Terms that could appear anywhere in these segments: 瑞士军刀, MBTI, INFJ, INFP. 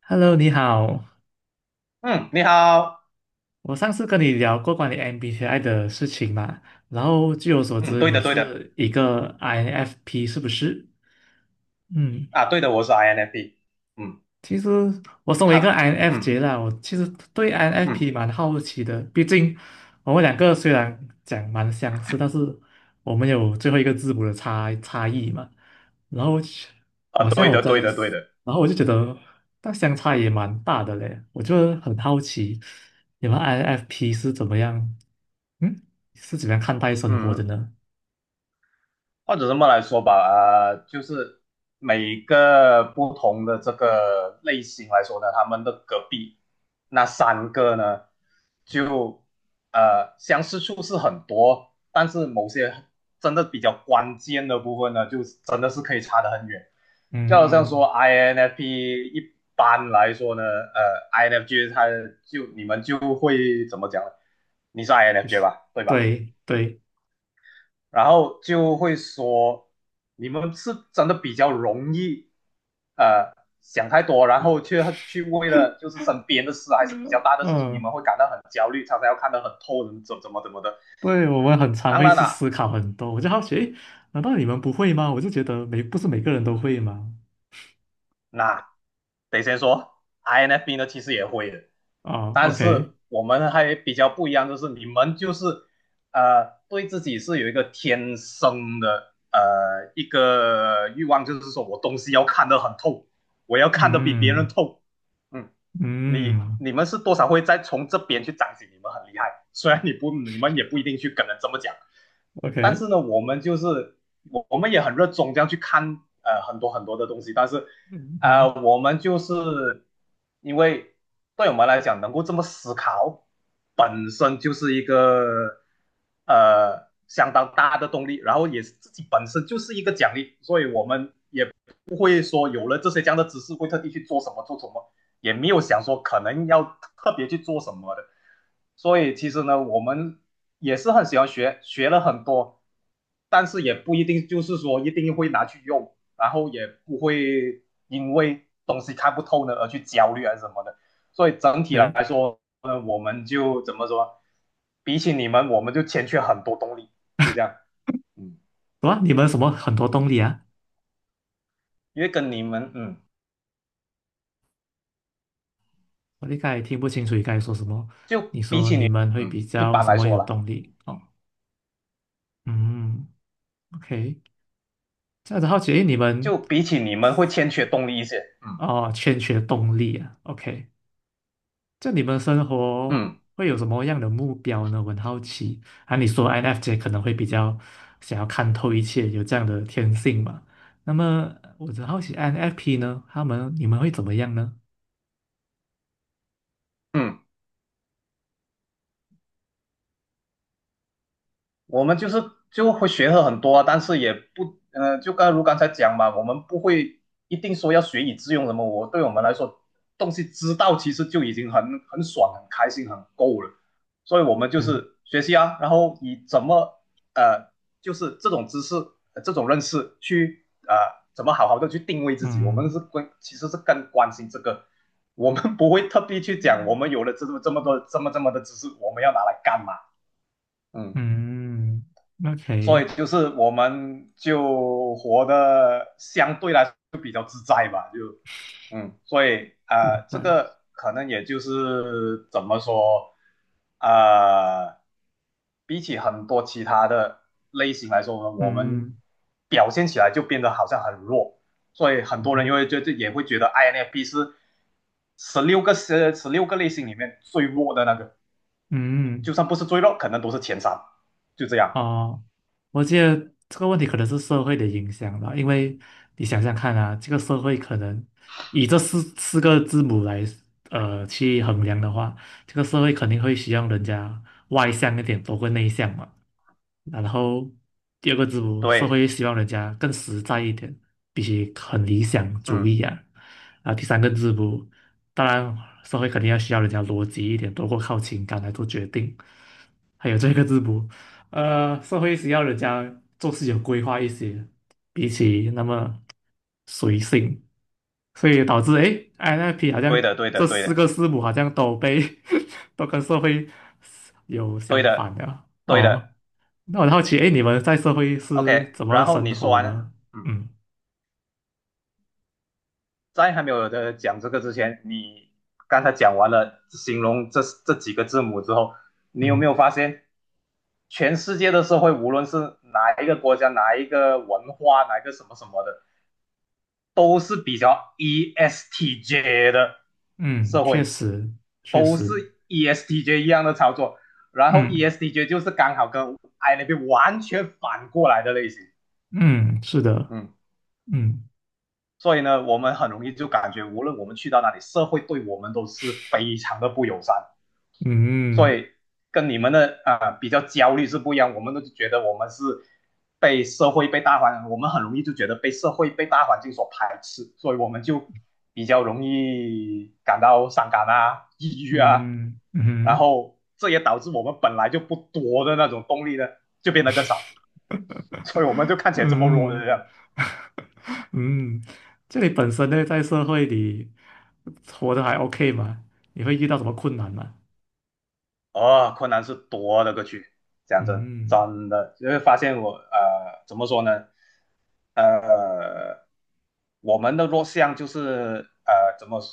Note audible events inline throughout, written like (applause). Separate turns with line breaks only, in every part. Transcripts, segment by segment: Hello，你好。
嗯，你好。
我上次跟你聊过关于 MBTI 的事情嘛，然后据我所
嗯，
知，
对
你
的，对的。
是一个 INFP，是不是？嗯。
啊，对的，我是 INFP。嗯，
其实我身为一个
他，嗯
INFJ 啦，我其实对 INFP
嗯。
蛮好奇的。毕竟我们两个虽然讲蛮相似，但是我们有最后一个字母的差异嘛。然后其
啊，
好
对
像我
的，
跟，
对的，对的。
然后我就觉得那相差也蛮大的嘞。我就很好奇，你们 INFP 是怎么样？嗯，是怎么样看待生活的
嗯，
呢？
或者这么来说吧，就是每个不同的这个类型来说呢，他们的隔壁那三个呢，就相似处是很多，但是某些真的比较关键的部分呢，就真的是可以差得很远。就好像说
嗯，
INFP 一般来说呢，INFJ 你们就会怎么讲呢？你是 INFJ 吧，对吧？
对对。
然后就会说你们是真的比较容易，呃，想太多，然后却去为了就是身边的事还是比较
嗯
大的事情，你
嗯。
们会感到很焦虑，常常要看得很透，怎么怎么怎么的。
对，我们很常
当
会
然了、
去
啊
思考很多，我就好奇，诶，难道你们不会吗？我就觉得不是每个人都会吗？
那得先说，INFP 呢其实也会的，
哦 o
但是
k
我们还比较不一样，就是你们就是对自己是有一个天生的一个欲望，就是说我东西要看得很透，我要看得比别人
嗯
透。嗯，你
嗯
你们是多少会再从这边去彰显你们很厉害，(laughs) 虽然你们也不一定去跟人这么讲。但
，OK。
是呢，我们就是我我们也很热衷这样去看很多很多的东西，但是
嗯嗯
我们就是因为对我们来讲能够这么思考，本身就是一个相当大的动力，然后也是自己本身就是一个奖励，所以我们不会说有了这些这样的知识会特地去做什么做什么，也没有想说可能要特别去做什么的。所以其实呢，我们也是很喜欢学，学了很多，但是也不一定就是说一定会拿去用，然后也不会因为东西看不透呢而去焦虑啊什么的。所以整体
，OK。
来说呢，我们就怎么说？比起你们，我们就欠缺很多动力，就这样。嗯，
什么？你们什么很多动力啊？
因为跟你们，
我才听不清楚你刚才说什么。
就
你说你们会比
一
较
般
什
来
么
说
有
啦。
动力？哦。嗯。OK，这样子好奇，诶，你们
就比起你们会欠缺动力一些。嗯
哦，欠缺动力啊？OK，就你们生活
嗯
会有什么样的目标呢？我很好奇。啊，你说 INFJ 可能会比较想要看透一切，有这样的天性嘛？那么我很好奇 INFP 呢，你们会怎么样呢？
嗯，我们就会学了很多啊，但是也不，就刚才讲嘛，我们不会一定说要学以致用什么。对我们来说，东西知道其实就已经很爽、很开心、很够了。所以我们就
对。
是学习啊，然后以怎么呃，就是这种知识、这种认识去怎么好好的去定位自己。我们是
嗯
关，其实是更关心这个。我们不会特地去讲，我们有了这么这么多这么这么的知识，我们要拿来干嘛？嗯
嗯
所
，OK。
以就是我们就活得相对来说就比较自在吧，就所以
明
这
白。
个可能也就是怎么说，呃，比起很多其他的类型来说呢，我们
嗯
表现起来就变得好像很弱，所以很多人
嗯
就会觉得也会觉得 INFP 是十六个类型里面最弱的那个。
嗯。
就算不是最弱，可能都是前三，就这样。
哦，我觉得这个问题可能是社会的影响吧，因为你想想看啊，这个社会可能以这四个字母来去衡量的话，这个社会肯定会需要人家外向一点多过内向嘛。然后第二个字母，社
对，
会希望人家更实在一点，必须很理想主
嗯。
义啊。啊，第三个字母，当然社会肯定需要人家逻辑一点，多过靠情感来做决定。还有这个字母。社会需要人家做事有规划一些，比起那么随性，所以导致诶 INFP 好
对
像
的，对
这
的，对
四
的，
个字母好像都被 (laughs) 都跟社会有
对
相
的，
反的
对
哦。
的。
那我很好奇，诶，你们在社会是
OK，
怎么
然后
生
你说
活
完了。
呢？
嗯，
嗯
在还没有的讲这个之前，你刚才讲完了形容这几个字母之后，你有没
嗯
有发现，全世界的社会，无论是哪一个国家、哪一个文化、哪一个什么什么的，都是比较 ESTJ 的
嗯，
社
确
会，
实确
都是
实。
ESTJ 一样的操作，然后
嗯
ESTJ 就是刚好跟 I 那边完全反过来的类型。
嗯，是的。
嗯，
嗯
所以呢，我们很容易就感觉，无论我们去到哪里，社会对我们都是非常的不友善。所
嗯
以跟你们的啊、比较焦虑是不一样，我们都觉得我们是被社会、被大环，我们很容易就觉得被社会、被大环境所排斥，所以我们就比较容易感到伤感啊、抑郁啊，
嗯嗯
然
嗯。
后这也导致我们本来就不多的那种动力呢，就变得更少，所以我们就
(laughs)
看起来这么弱的这
嗯
样。
(laughs) 嗯，这里本身呢，在社会里活得还 OK 吗？你会遇到什么困难吗？
哦，困难是多了个去，讲真，
嗯。
真的，因为发现我怎么说呢？呃，我们的弱项就是怎么说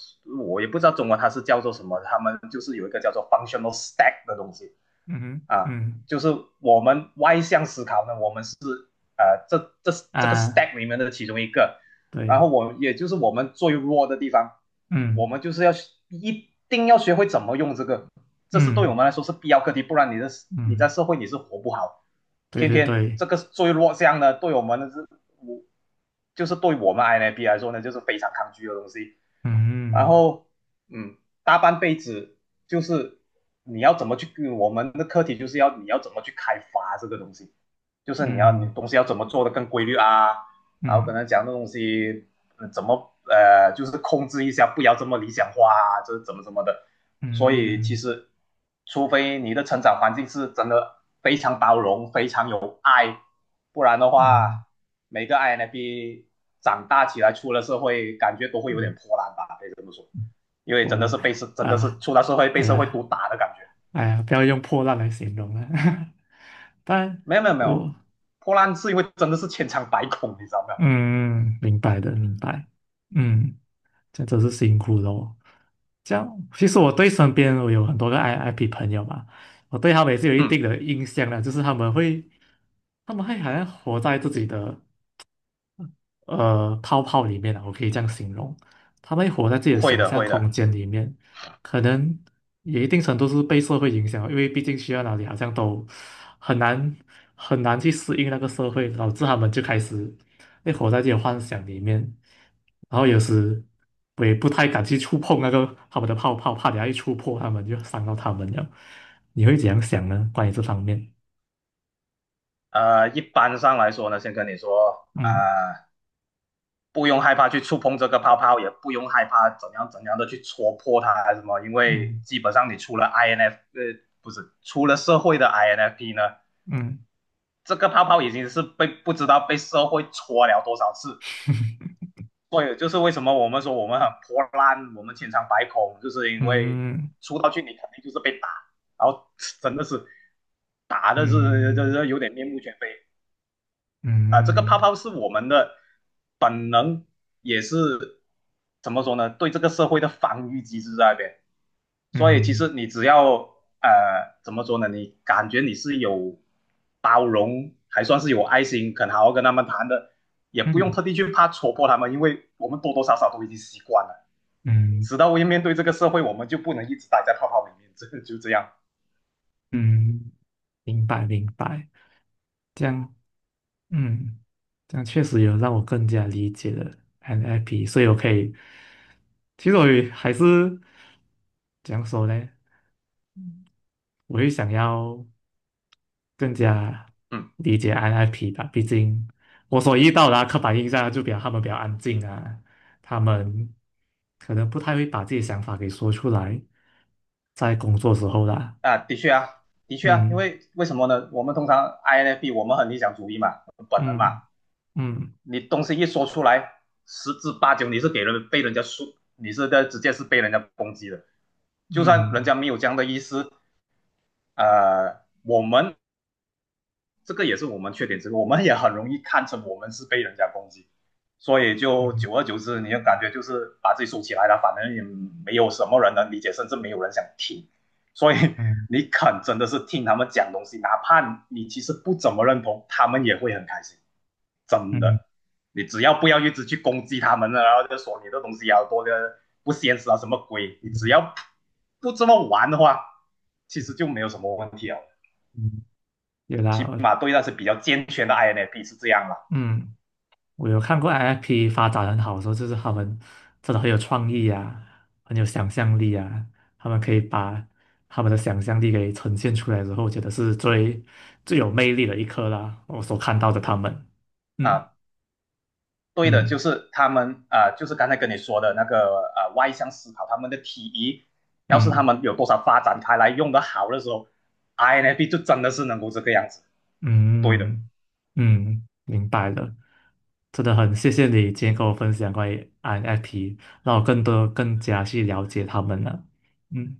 我也不知道中文它是叫做什么，他们就是有一个叫做 functional stack 的东西。
嗯哼。
啊，
嗯
就是我们外向思考呢，我们是呃这这这个
啊，
stack 里面的其中一个，然
对。
后我也就是我们最弱的地方，我
嗯
们就是一定要学会怎么用这个，这是对我
嗯
们来说是必要课题，不然你在
嗯，
社会你是活不好，
对
偏
对
偏
对。
这个最弱项呢，对我们的是我就是对我们 INB 来说呢，就是非常抗拒的东西。然
嗯
后嗯，大半辈子就是你要怎么去，我们的课题就是要你要怎么去开发这个东西，就是你
嗯
东西要怎么做的更规律啊，然后跟
嗯
他讲的东西、怎么就是控制一下，不要这么理想化啊，这是怎么怎么的。所以其
嗯
实，除非你的成长环境是真的非常包容、非常有爱，不然的
嗯
话，每个 INFP 长大起来出了社会，感觉都会有点
嗯，
破烂吧，可以这么说。因为
破烂
真的是
啊，
出了社会被
哎
社会
呀
毒打的感觉。
哎呀，不要用破烂来形容了，(laughs) 但
没有没有没有，
我
破烂是因为真的是千疮百孔，你知道没
嗯，明白的，明白。嗯。这真是辛苦了哦。这样，其实我对身边我有很多个 I IP 朋友嘛，我对他们也是有
有？
一定
嗯，
的印象的，就是他们会好像活在自己的泡泡里面啊，我可以这样形容，他们活在自己的
会
想
的
象
会
空
的。
间里面，可能也一定程度是被社会影响，因为毕竟去到哪里好像都很难很难去适应那个社会，导致他们就开始会活在自己的幻想里面，然后有时我也不太敢去触碰那个他们的泡泡，怕等下一触碰他们就伤到他们了。你会怎样想呢？关于这方面？
一般上来说呢，先跟你说，
嗯
不用害怕去触碰这个泡泡，也不用害怕怎样怎样的去戳破它还是什么，因为
嗯
基本上你出了 INF，呃，不是出了社会的 INFP 呢，
嗯
这个泡泡已经是被不知道被社会戳了多少次。所以就是为什么我们说我们很破烂，我们千疮百孔，就是因为
嗯
出道去你肯定就是被打，然后真的是打的是这
嗯
这有点面目全非。啊、这个泡
嗯。
泡是我们的本能，也是怎么说呢？对这个社会的防御机制在那边。所以其
嗯
实你只要怎么说呢？你感觉你是有包容，还算是有爱心，肯好好跟他们谈的，也不用
嗯
特地去怕戳破他们，因为我们多多少少都已经习惯了。
嗯
直到我面对这个社会，我们就不能一直待在泡泡里面。(laughs) 这就这样。
嗯，明白明白，这样嗯，这样确实有让我更加理解了 NLP，所以我可以，其实我也还是怎样说呢？我也想要更加
嗯
理解 NLP 吧，毕竟我所遇到的啊刻板印象就比较他们比较安静啊，他们可能不太会把自己的想法给说出来，在工作时候啦。
啊，的确啊，的确啊，因
嗯
为为什么呢？我们通常 INFP 我们很理想主义嘛，本能嘛，
嗯。嗯
你东西一说出来，十之八九你是被人家说，你是在直接是被人家攻击的。就算
嗯
人家没有这样的意思，我们这个也是我们缺点之一，我们也很容易看成我们是被人家攻击，所以就
嗯
久而久之，你就感觉就是把自己收起来了，反正也没有什么人能理解，甚至没有人想听，所以
嗯
你肯真的是听他们讲东西，哪怕你其实不怎么认同，他们也会很开心。真
嗯
的，你只要不要一直去攻击他们了，然后就说你的东西要多的不现实啊什么鬼，你只
嗯
要不这么玩的话，其实就没有什么问题了。
嗯，有啦。
起码对那些比较健全的 INFP 是这样了
嗯，我有看过 IFP 发展很好的时候，就是他们真的很有创意啊，很有想象力啊，他们可以把他们的想象力给呈现出来之后，我觉得是最最有魅力的一刻啦，我所看到的他们。嗯
啊。对的，就
嗯
是他们啊、就是刚才跟你说的那个啊外向思考，他们的 TE，要是他
嗯。
们有多少发展开来用的好的时候，INFP 就真的是能够这个样子。对的
嗯嗯，明白了，真的很谢谢你今天跟我分享关于 INFP，让我更多更加去了解他们了。嗯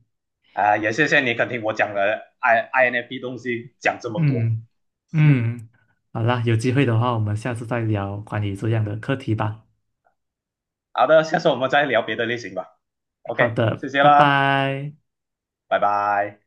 啊、也谢谢你肯听我讲了 INFP 东西讲这么多。
嗯
(laughs) 嗯，
嗯，好啦，有机会的话，我们下次再聊关于这样的课题吧。
好的，下次我们再聊别的类型吧。
好
OK，谢
的，
谢
拜
啦，
拜。
拜拜。